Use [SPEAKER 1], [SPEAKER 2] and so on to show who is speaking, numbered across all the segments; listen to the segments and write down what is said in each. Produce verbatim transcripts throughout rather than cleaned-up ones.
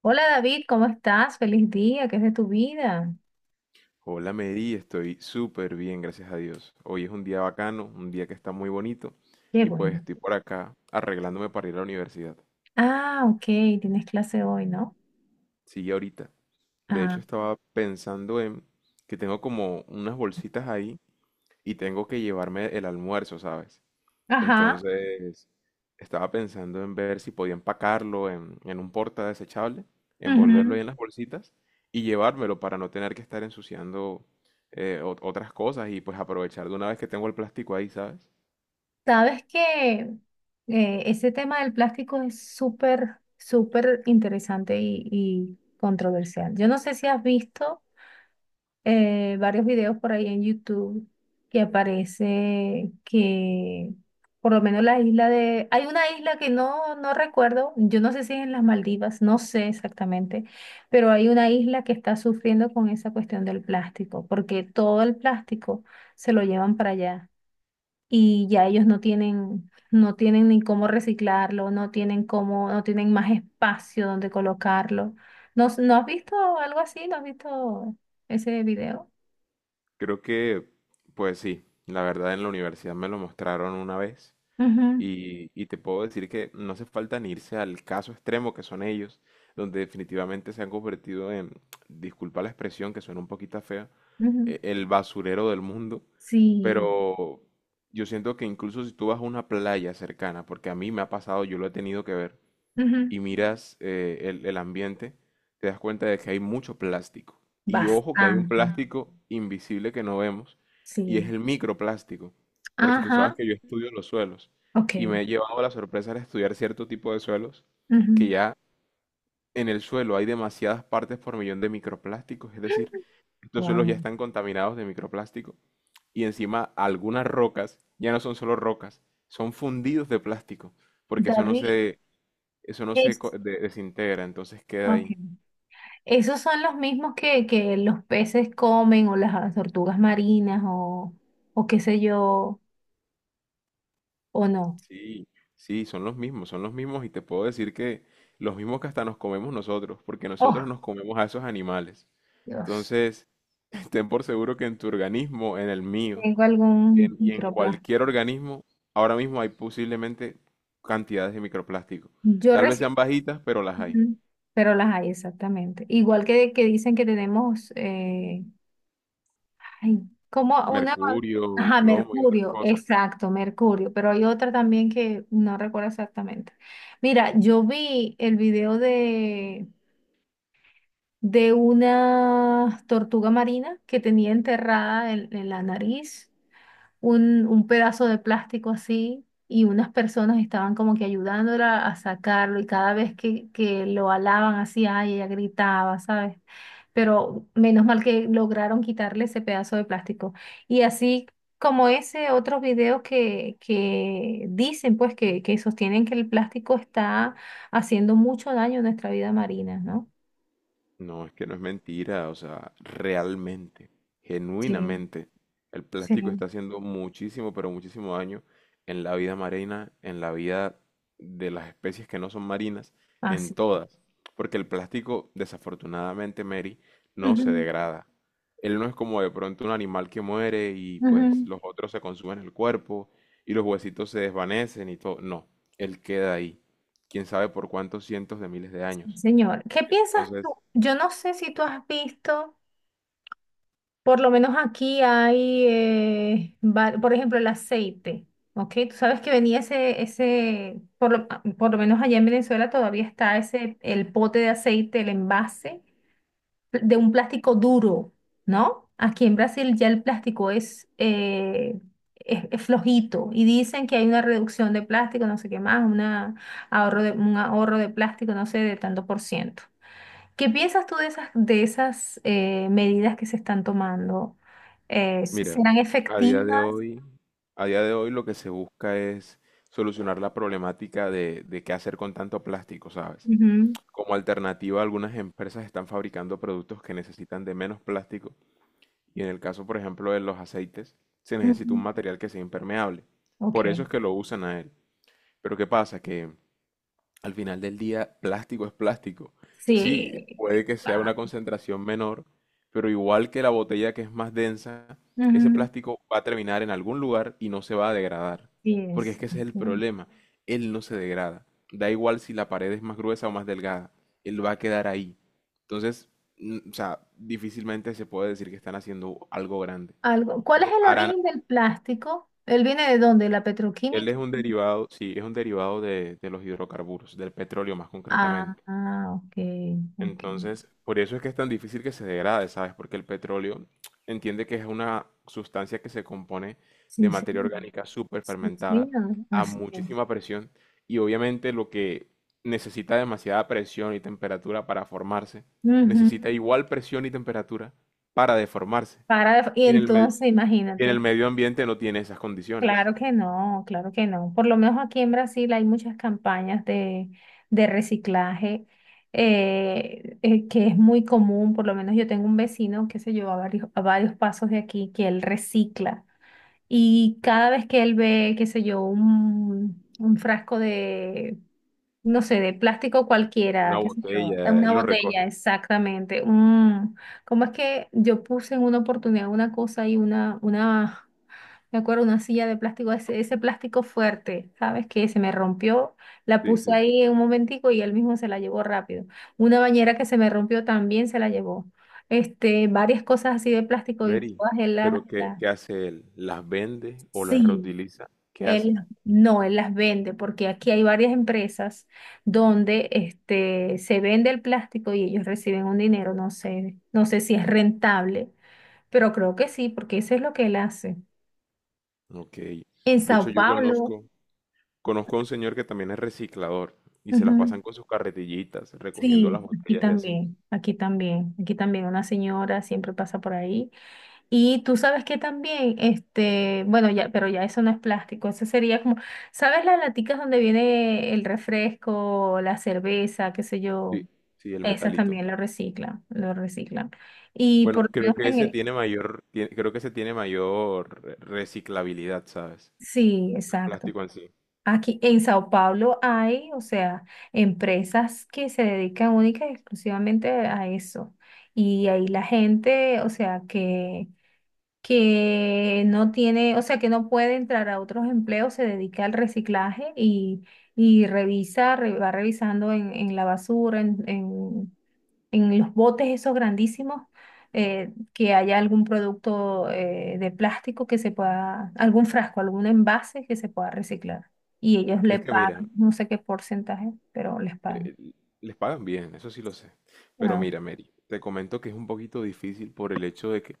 [SPEAKER 1] Hola David, ¿cómo estás? Feliz día, ¿qué es de tu vida?
[SPEAKER 2] Hola Mary, estoy súper bien, gracias a Dios. Hoy es un día bacano, un día que está muy bonito
[SPEAKER 1] Qué
[SPEAKER 2] y pues
[SPEAKER 1] bueno.
[SPEAKER 2] estoy por acá arreglándome para ir a la universidad.
[SPEAKER 1] Ah, ok, tienes clase hoy, ¿no?
[SPEAKER 2] Sí, ahorita. De
[SPEAKER 1] Ah,
[SPEAKER 2] hecho estaba pensando en que tengo como unas bolsitas ahí y tengo que llevarme el almuerzo, ¿sabes?
[SPEAKER 1] ajá.
[SPEAKER 2] Entonces, estaba pensando en ver si podía empacarlo en, en un porta desechable, envolverlo
[SPEAKER 1] Ujú.
[SPEAKER 2] ahí en las bolsitas y llevármelo para no tener que estar ensuciando eh, ot- otras cosas y pues aprovechar de una vez que tengo el plástico ahí, ¿sabes?
[SPEAKER 1] Sabes que eh, ese tema del plástico es súper, súper interesante y, y controversial. Yo no sé si has visto eh, varios videos por ahí en YouTube que aparece que por lo menos la isla de... Hay una isla que no, no recuerdo, yo no sé si es en las Maldivas, no sé exactamente, pero hay una isla que está sufriendo con esa cuestión del plástico, porque todo el plástico se lo llevan para allá y ya ellos no tienen... No tienen ni cómo reciclarlo, no tienen cómo, no tienen más espacio donde colocarlo. ¿No, no has visto algo así? ¿No has visto ese video?
[SPEAKER 2] Creo que, pues sí, la verdad en la universidad me lo mostraron una vez.
[SPEAKER 1] Ujú,
[SPEAKER 2] Y, y te puedo decir que no hace falta ni irse al caso extremo que son ellos, donde definitivamente se han convertido en, disculpa la expresión que suena un poquito fea,
[SPEAKER 1] ujú.
[SPEAKER 2] e- el basurero del mundo.
[SPEAKER 1] Sí,
[SPEAKER 2] Pero yo siento que incluso si tú vas a una playa cercana, porque a mí me ha pasado, yo lo he tenido que ver,
[SPEAKER 1] ujú.
[SPEAKER 2] y miras eh, el, el ambiente, te das cuenta de que hay mucho plástico. Y ojo que hay un
[SPEAKER 1] Bastante,
[SPEAKER 2] plástico invisible que no vemos y es
[SPEAKER 1] sí.
[SPEAKER 2] el microplástico, porque tú sabes
[SPEAKER 1] Ajá,
[SPEAKER 2] que yo estudio los suelos y
[SPEAKER 1] ok.
[SPEAKER 2] me he llevado la sorpresa de estudiar cierto tipo de suelos
[SPEAKER 1] Ujú.
[SPEAKER 2] que ya en el suelo hay demasiadas partes por millón de microplásticos, es decir, estos suelos ya
[SPEAKER 1] Wow.
[SPEAKER 2] están contaminados de microplástico y encima algunas rocas ya no son solo rocas, son fundidos de plástico, porque eso no
[SPEAKER 1] David,
[SPEAKER 2] se eso no se co-
[SPEAKER 1] es,
[SPEAKER 2] de- desintegra, entonces queda ahí.
[SPEAKER 1] ok. Esos son los mismos que, que los peces comen o las tortugas marinas o, o qué sé yo, o no.
[SPEAKER 2] Sí, sí, son los mismos, son los mismos y te puedo decir que los mismos que hasta nos comemos nosotros, porque nosotros
[SPEAKER 1] Oh,
[SPEAKER 2] nos comemos a esos animales.
[SPEAKER 1] Dios,
[SPEAKER 2] Entonces, ten por seguro que en tu organismo, en el mío
[SPEAKER 1] tengo
[SPEAKER 2] y
[SPEAKER 1] algún
[SPEAKER 2] en, y en cualquier
[SPEAKER 1] microplástico.
[SPEAKER 2] organismo, ahora mismo hay posiblemente cantidades de microplástico.
[SPEAKER 1] Yo
[SPEAKER 2] Tal vez sean
[SPEAKER 1] recién,
[SPEAKER 2] bajitas, pero las hay.
[SPEAKER 1] ujú, pero las hay exactamente. Igual que, que dicen que tenemos, eh, ay, como una,
[SPEAKER 2] Mercurio,
[SPEAKER 1] ajá,
[SPEAKER 2] plomo y otras
[SPEAKER 1] Mercurio,
[SPEAKER 2] cosas.
[SPEAKER 1] exacto, Mercurio, pero hay otra también que no recuerdo exactamente. Mira, yo vi el video de, de una tortuga marina que tenía enterrada en, en la nariz un, un pedazo de plástico así y unas personas estaban como que ayudándola a sacarlo y cada vez que, que lo alaban así, ay, ella gritaba, ¿sabes? Pero menos mal que lograron quitarle ese pedazo de plástico. Y así como ese otro video que, que dicen, pues, que, que sostienen que el plástico está haciendo mucho daño a nuestra vida marina, ¿no?
[SPEAKER 2] No, es que no es mentira, o sea, realmente,
[SPEAKER 1] Sí,
[SPEAKER 2] genuinamente, el
[SPEAKER 1] sí.
[SPEAKER 2] plástico está haciendo muchísimo, pero muchísimo daño en la vida marina, en la vida de las especies que no son marinas, en
[SPEAKER 1] Así.
[SPEAKER 2] todas. Porque el plástico, desafortunadamente, Mary, no se
[SPEAKER 1] Ujú,
[SPEAKER 2] degrada. Él no es como de pronto un animal que muere y pues
[SPEAKER 1] ujú.
[SPEAKER 2] los otros se consumen el cuerpo y los huesitos se desvanecen y todo. No, él queda ahí. Quién sabe por cuántos cientos de miles de
[SPEAKER 1] Sí,
[SPEAKER 2] años.
[SPEAKER 1] señor. ¿Qué piensas tú?
[SPEAKER 2] Entonces,
[SPEAKER 1] Yo no sé si tú has visto. Por lo menos aquí hay, eh, va- por ejemplo, el aceite, ¿ok? Tú sabes que venía ese, ese, por lo, ah, por lo menos allá en Venezuela todavía está ese, el pote de aceite, el envase pl- de un plástico duro, ¿no? Aquí en Brasil ya el plástico es, eh, es, es flojito y dicen que hay una reducción de plástico, no sé qué más, una ahorro de, un ahorro de plástico, no sé, de tanto por ciento. ¿Qué piensas tú de esas, de esas eh, medidas que se están tomando? Eh, s-
[SPEAKER 2] mira,
[SPEAKER 1] ¿serán
[SPEAKER 2] a día de
[SPEAKER 1] efectivas?
[SPEAKER 2] hoy, a día de hoy lo que se busca es solucionar la problemática de, de qué hacer con tanto plástico, ¿sabes?
[SPEAKER 1] Ujú,
[SPEAKER 2] Como alternativa, algunas empresas están fabricando productos que necesitan de menos plástico y en el caso, por ejemplo, de los aceites, se necesita un
[SPEAKER 1] ujú.
[SPEAKER 2] material que sea impermeable. Por
[SPEAKER 1] Ok.
[SPEAKER 2] eso es que lo usan a él. Pero ¿qué pasa? Que al final del día, plástico es plástico. Sí, puede
[SPEAKER 1] Sí,
[SPEAKER 2] que sea
[SPEAKER 1] claro.
[SPEAKER 2] una concentración menor, pero igual que la botella que es más densa, ese
[SPEAKER 1] Ujú,
[SPEAKER 2] plástico va a terminar en algún lugar y no se va a degradar.
[SPEAKER 1] sí
[SPEAKER 2] Porque es
[SPEAKER 1] es,
[SPEAKER 2] que ese es el
[SPEAKER 1] ujú.
[SPEAKER 2] problema. Él no se degrada. Da igual si la pared es más gruesa o más delgada. Él va a quedar ahí. Entonces, mm, o sea, difícilmente se puede decir que están haciendo algo grande.
[SPEAKER 1] Algo. ¿Cuál es
[SPEAKER 2] De-
[SPEAKER 1] el
[SPEAKER 2] harán-
[SPEAKER 1] origen del plástico? ¿Él viene de dónde? ¿La
[SPEAKER 2] él
[SPEAKER 1] petroquímica?
[SPEAKER 2] es un derivado, sí, es un derivado de de los hidrocarburos, del petróleo más
[SPEAKER 1] Ah,
[SPEAKER 2] concretamente.
[SPEAKER 1] ah, ok, ok.
[SPEAKER 2] Entonces, por eso es que es tan difícil que se degrade, ¿sabes? Porque el petróleo entiende que es una sustancia que se compone de
[SPEAKER 1] Sí,
[SPEAKER 2] materia
[SPEAKER 1] señor.
[SPEAKER 2] orgánica súper
[SPEAKER 1] Sí,
[SPEAKER 2] fermentada
[SPEAKER 1] señor.
[SPEAKER 2] a
[SPEAKER 1] Así es.
[SPEAKER 2] muchísima presión y obviamente lo que necesita demasiada presión y temperatura para formarse,
[SPEAKER 1] Ujú.
[SPEAKER 2] necesita igual presión y temperatura para deformarse.
[SPEAKER 1] Para, y
[SPEAKER 2] Y en el me-
[SPEAKER 1] entonces,
[SPEAKER 2] y en el
[SPEAKER 1] imagínate.
[SPEAKER 2] medio ambiente no tiene esas condiciones.
[SPEAKER 1] Claro que no, claro que no. Por lo menos aquí en Brasil hay muchas campañas de, de reciclaje eh, eh, que es muy común. Por lo menos yo tengo un vecino, qué sé yo, a varios, a varios pasos de aquí, que él recicla. Y cada vez que él ve, qué sé yo, un, un frasco de, no sé, de plástico cualquiera,
[SPEAKER 2] Una
[SPEAKER 1] qué sé yo,
[SPEAKER 2] botella eh,
[SPEAKER 1] una
[SPEAKER 2] lo
[SPEAKER 1] botella,
[SPEAKER 2] recoge.
[SPEAKER 1] exactamente. Un, ¿cómo es que yo puse en una oportunidad una cosa y una, una... Me acuerdo una silla de plástico, ese, ese plástico fuerte, ¿sabes? Que se me rompió, la
[SPEAKER 2] Sí,
[SPEAKER 1] puse
[SPEAKER 2] sí.
[SPEAKER 1] ahí en un momentico y él mismo se la llevó rápido. Una bañera que se me rompió también se la llevó. Este, varias cosas así de plástico y
[SPEAKER 2] Mary,
[SPEAKER 1] todas él las,
[SPEAKER 2] pero ¿qué,
[SPEAKER 1] las-
[SPEAKER 2] qué hace él? ¿Las vende o las
[SPEAKER 1] Sí,
[SPEAKER 2] reutiliza? ¿Qué hace?
[SPEAKER 1] él no, él las vende porque aquí hay varias empresas donde este, se vende el plástico y ellos reciben un dinero, no sé, no sé si es rentable, pero creo que sí, porque eso es lo que él hace.
[SPEAKER 2] Ok.
[SPEAKER 1] En
[SPEAKER 2] De hecho,
[SPEAKER 1] Sao
[SPEAKER 2] yo
[SPEAKER 1] Paulo.
[SPEAKER 2] conozco, conozco a un señor que también es reciclador y se las
[SPEAKER 1] Ujú.
[SPEAKER 2] pasan con sus carretillitas, recogiendo
[SPEAKER 1] Sí,
[SPEAKER 2] las
[SPEAKER 1] aquí
[SPEAKER 2] botellas y así.
[SPEAKER 1] también, aquí también, aquí también una señora siempre pasa por ahí. Y tú sabes que también, este, bueno, ya, pero ya eso no es plástico, eso sería como, ¿sabes las laticas donde viene el refresco, la cerveza, qué sé yo?
[SPEAKER 2] Sí, sí, el
[SPEAKER 1] Esas
[SPEAKER 2] metalito.
[SPEAKER 1] también lo reciclan, lo reciclan. Y por
[SPEAKER 2] Bueno,
[SPEAKER 1] lo
[SPEAKER 2] creo
[SPEAKER 1] menos
[SPEAKER 2] que
[SPEAKER 1] en
[SPEAKER 2] ese
[SPEAKER 1] el,
[SPEAKER 2] tiene mayor, tie- creo que ese tiene mayor re- reciclabilidad, ¿sabes?
[SPEAKER 1] sí,
[SPEAKER 2] El
[SPEAKER 1] exacto.
[SPEAKER 2] plástico en sí.
[SPEAKER 1] Aquí en Sao Paulo hay, o sea, empresas que se dedican única y exclusivamente a eso. Y ahí la gente, o sea, que, que no tiene, o sea, que no puede entrar a otros empleos, se dedica al reciclaje y, y revisa, re- va revisando en, en la basura, en, en los botes esos grandísimos, eh, que haya algún producto eh, de plástico que se pueda, algún frasco, algún envase que se pueda reciclar. Y ellos le
[SPEAKER 2] Es que mira,
[SPEAKER 1] pagan, no sé qué porcentaje, pero les pagan.
[SPEAKER 2] Eh, les pagan bien, eso sí lo sé. Pero
[SPEAKER 1] Ah,
[SPEAKER 2] mira, Mary, te comento que es un poquito difícil por el hecho de que,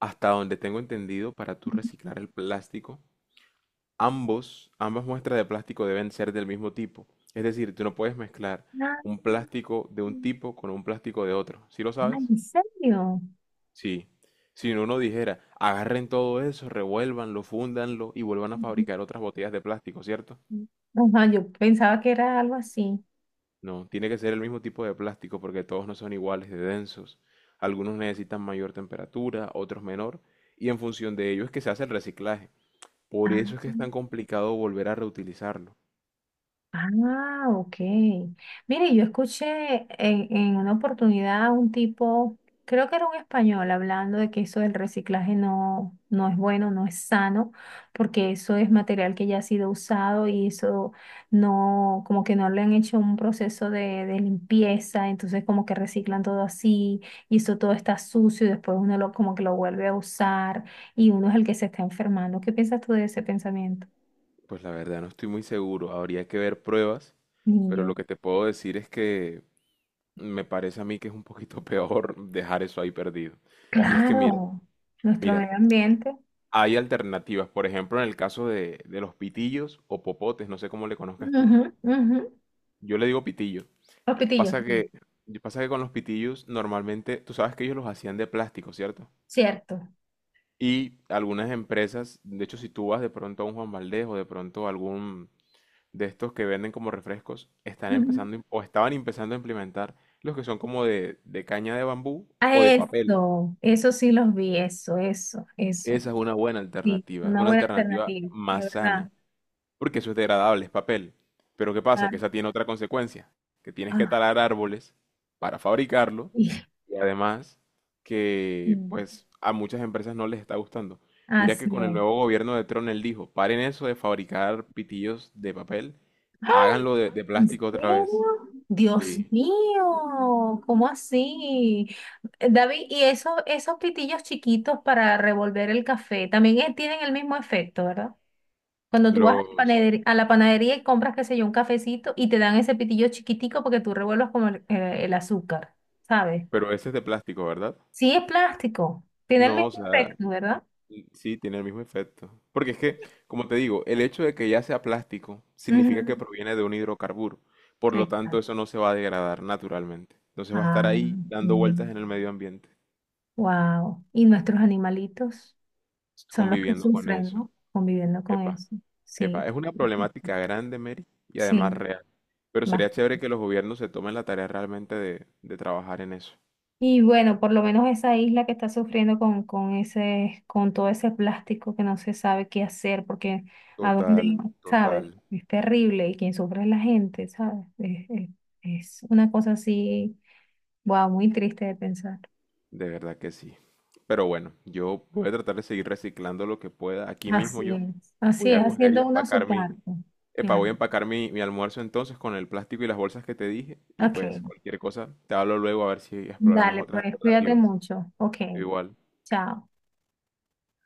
[SPEAKER 2] hasta donde tengo entendido, para tú reciclar el plástico, ambos, ambas muestras de plástico deben ser del mismo tipo. Es decir, tú no puedes mezclar un
[SPEAKER 1] ah,
[SPEAKER 2] plástico de un tipo con un plástico de otro. ¿Sí lo
[SPEAKER 1] ah,
[SPEAKER 2] sabes?
[SPEAKER 1] ¿en serio?
[SPEAKER 2] Sí. Si uno dijera, agarren todo eso, revuélvanlo, fúndanlo y vuelvan a
[SPEAKER 1] Ujú.
[SPEAKER 2] fabricar otras botellas de plástico, ¿cierto?
[SPEAKER 1] Ajá, yo pensaba que era algo así.
[SPEAKER 2] No, tiene que ser el mismo tipo de plástico porque todos no son iguales de densos. Algunos necesitan mayor temperatura, otros menor, y en función de ello es que se hace el reciclaje. Por eso
[SPEAKER 1] Ah.
[SPEAKER 2] es que es tan complicado volver a reutilizarlo.
[SPEAKER 1] Ah, ok. Mire, yo escuché en, en una oportunidad a un tipo, creo que era un español, hablando de que eso del reciclaje no, no es bueno, no es sano, porque eso es material que ya ha sido usado y eso no, como que no le han hecho un proceso de, de limpieza, entonces como que reciclan todo así y eso todo está sucio y después uno lo, como que lo vuelve a usar y uno es el que se está enfermando. ¿Qué piensas tú de ese pensamiento,
[SPEAKER 2] Pues la verdad no estoy muy seguro, habría que ver pruebas,
[SPEAKER 1] ni
[SPEAKER 2] pero lo
[SPEAKER 1] yo.
[SPEAKER 2] que te puedo decir es que me parece a mí que es un poquito peor dejar eso ahí perdido. Y es que mira,
[SPEAKER 1] Claro, nuestro
[SPEAKER 2] mira,
[SPEAKER 1] medio ambiente.
[SPEAKER 2] hay alternativas, por ejemplo, en el caso de, de los pitillos o popotes, no sé cómo le conozcas tú.
[SPEAKER 1] Ujú, ujú.
[SPEAKER 2] Yo le digo pitillo.
[SPEAKER 1] Los pitillos,
[SPEAKER 2] Pasa que, pasa que con los pitillos normalmente, tú sabes que ellos los hacían de plástico, ¿cierto?
[SPEAKER 1] cierto.
[SPEAKER 2] Y algunas empresas, de hecho si tú vas de pronto a un Juan Valdez o de pronto a algún de estos que venden como refrescos, están
[SPEAKER 1] Ujú.
[SPEAKER 2] empezando im- o estaban empezando a implementar los que son como de, de caña de bambú
[SPEAKER 1] A
[SPEAKER 2] o de papel.
[SPEAKER 1] eso, eso sí los vi, eso, eso, eso.
[SPEAKER 2] Esa es una buena
[SPEAKER 1] Sí,
[SPEAKER 2] alternativa, es
[SPEAKER 1] una
[SPEAKER 2] una
[SPEAKER 1] buena
[SPEAKER 2] alternativa
[SPEAKER 1] alternativa, es
[SPEAKER 2] más
[SPEAKER 1] verdad.
[SPEAKER 2] sana. Porque eso es degradable, es papel. Pero ¿qué pasa?
[SPEAKER 1] Ah,
[SPEAKER 2] Que esa tiene otra consecuencia, que tienes que
[SPEAKER 1] ah,
[SPEAKER 2] talar árboles para fabricarlo
[SPEAKER 1] y-
[SPEAKER 2] y además
[SPEAKER 1] sí,
[SPEAKER 2] que pues a muchas empresas no les está gustando. Mira que
[SPEAKER 1] así
[SPEAKER 2] con el
[SPEAKER 1] es.
[SPEAKER 2] nuevo gobierno de Trump él dijo, paren eso de fabricar pitillos de papel,
[SPEAKER 1] ¡Ah!
[SPEAKER 2] háganlo de, de
[SPEAKER 1] ¿En
[SPEAKER 2] plástico otra vez.
[SPEAKER 1] serio? Dios
[SPEAKER 2] Sí,
[SPEAKER 1] mío, ¿cómo así? Eh, David, ¿y esos, esos pitillos chiquitos para revolver el café también eh, tienen el mismo efecto, ¿verdad? Cuando tú vas a la
[SPEAKER 2] los.
[SPEAKER 1] panadería, a la panadería y compras, qué sé yo, un cafecito y te dan ese pitillo chiquitico porque tú revuelvas como el, eh, el azúcar, ¿sabes?
[SPEAKER 2] Pero ese es de plástico, ¿verdad?
[SPEAKER 1] Sí es plástico, tiene el
[SPEAKER 2] No, o
[SPEAKER 1] mismo
[SPEAKER 2] sea,
[SPEAKER 1] efecto, ¿verdad?
[SPEAKER 2] sí, tiene el mismo efecto. Porque es que, como te digo, el hecho de que ya sea plástico significa que
[SPEAKER 1] Ujú,
[SPEAKER 2] proviene de un hidrocarburo. Por lo tanto,
[SPEAKER 1] exacto.
[SPEAKER 2] eso no se va a degradar naturalmente. Entonces va a estar
[SPEAKER 1] Ay,
[SPEAKER 2] ahí dando vueltas en el medio ambiente,
[SPEAKER 1] wow. Y nuestros animalitos son los que
[SPEAKER 2] conviviendo con
[SPEAKER 1] sufren,
[SPEAKER 2] eso.
[SPEAKER 1] ¿no? Conviviendo con
[SPEAKER 2] Epa,
[SPEAKER 1] eso. Sí,
[SPEAKER 2] epa, es una problemática grande, Mary, y además
[SPEAKER 1] sí.
[SPEAKER 2] real. Pero sería chévere que los gobiernos se tomen la tarea realmente de, de trabajar en eso.
[SPEAKER 1] Y bueno, por lo menos esa isla que está sufriendo con, con ese, con todo ese plástico que no se sabe qué hacer, porque a dónde,
[SPEAKER 2] Total,
[SPEAKER 1] ¿sabes?
[SPEAKER 2] total,
[SPEAKER 1] Es terrible y quien sufre es la gente, ¿sabes? Es, es- es una cosa así, wow, muy triste de pensar.
[SPEAKER 2] de verdad que sí. Pero bueno, yo voy a tratar de seguir reciclando lo que pueda aquí
[SPEAKER 1] Así
[SPEAKER 2] mismo yo.
[SPEAKER 1] es,
[SPEAKER 2] Voy
[SPEAKER 1] así
[SPEAKER 2] a
[SPEAKER 1] es,
[SPEAKER 2] coger y
[SPEAKER 1] haciendo uno su
[SPEAKER 2] empacar mi.
[SPEAKER 1] parte.
[SPEAKER 2] Epa, voy
[SPEAKER 1] Claro.
[SPEAKER 2] a empacar mi, mi almuerzo entonces con el plástico y las bolsas que te dije. Y pues
[SPEAKER 1] Ok,
[SPEAKER 2] cualquier cosa, te hablo luego a ver si exploramos
[SPEAKER 1] dale,
[SPEAKER 2] otras
[SPEAKER 1] pues cuídate
[SPEAKER 2] alternativas.
[SPEAKER 1] mucho. Ok,
[SPEAKER 2] Igual.
[SPEAKER 1] chao.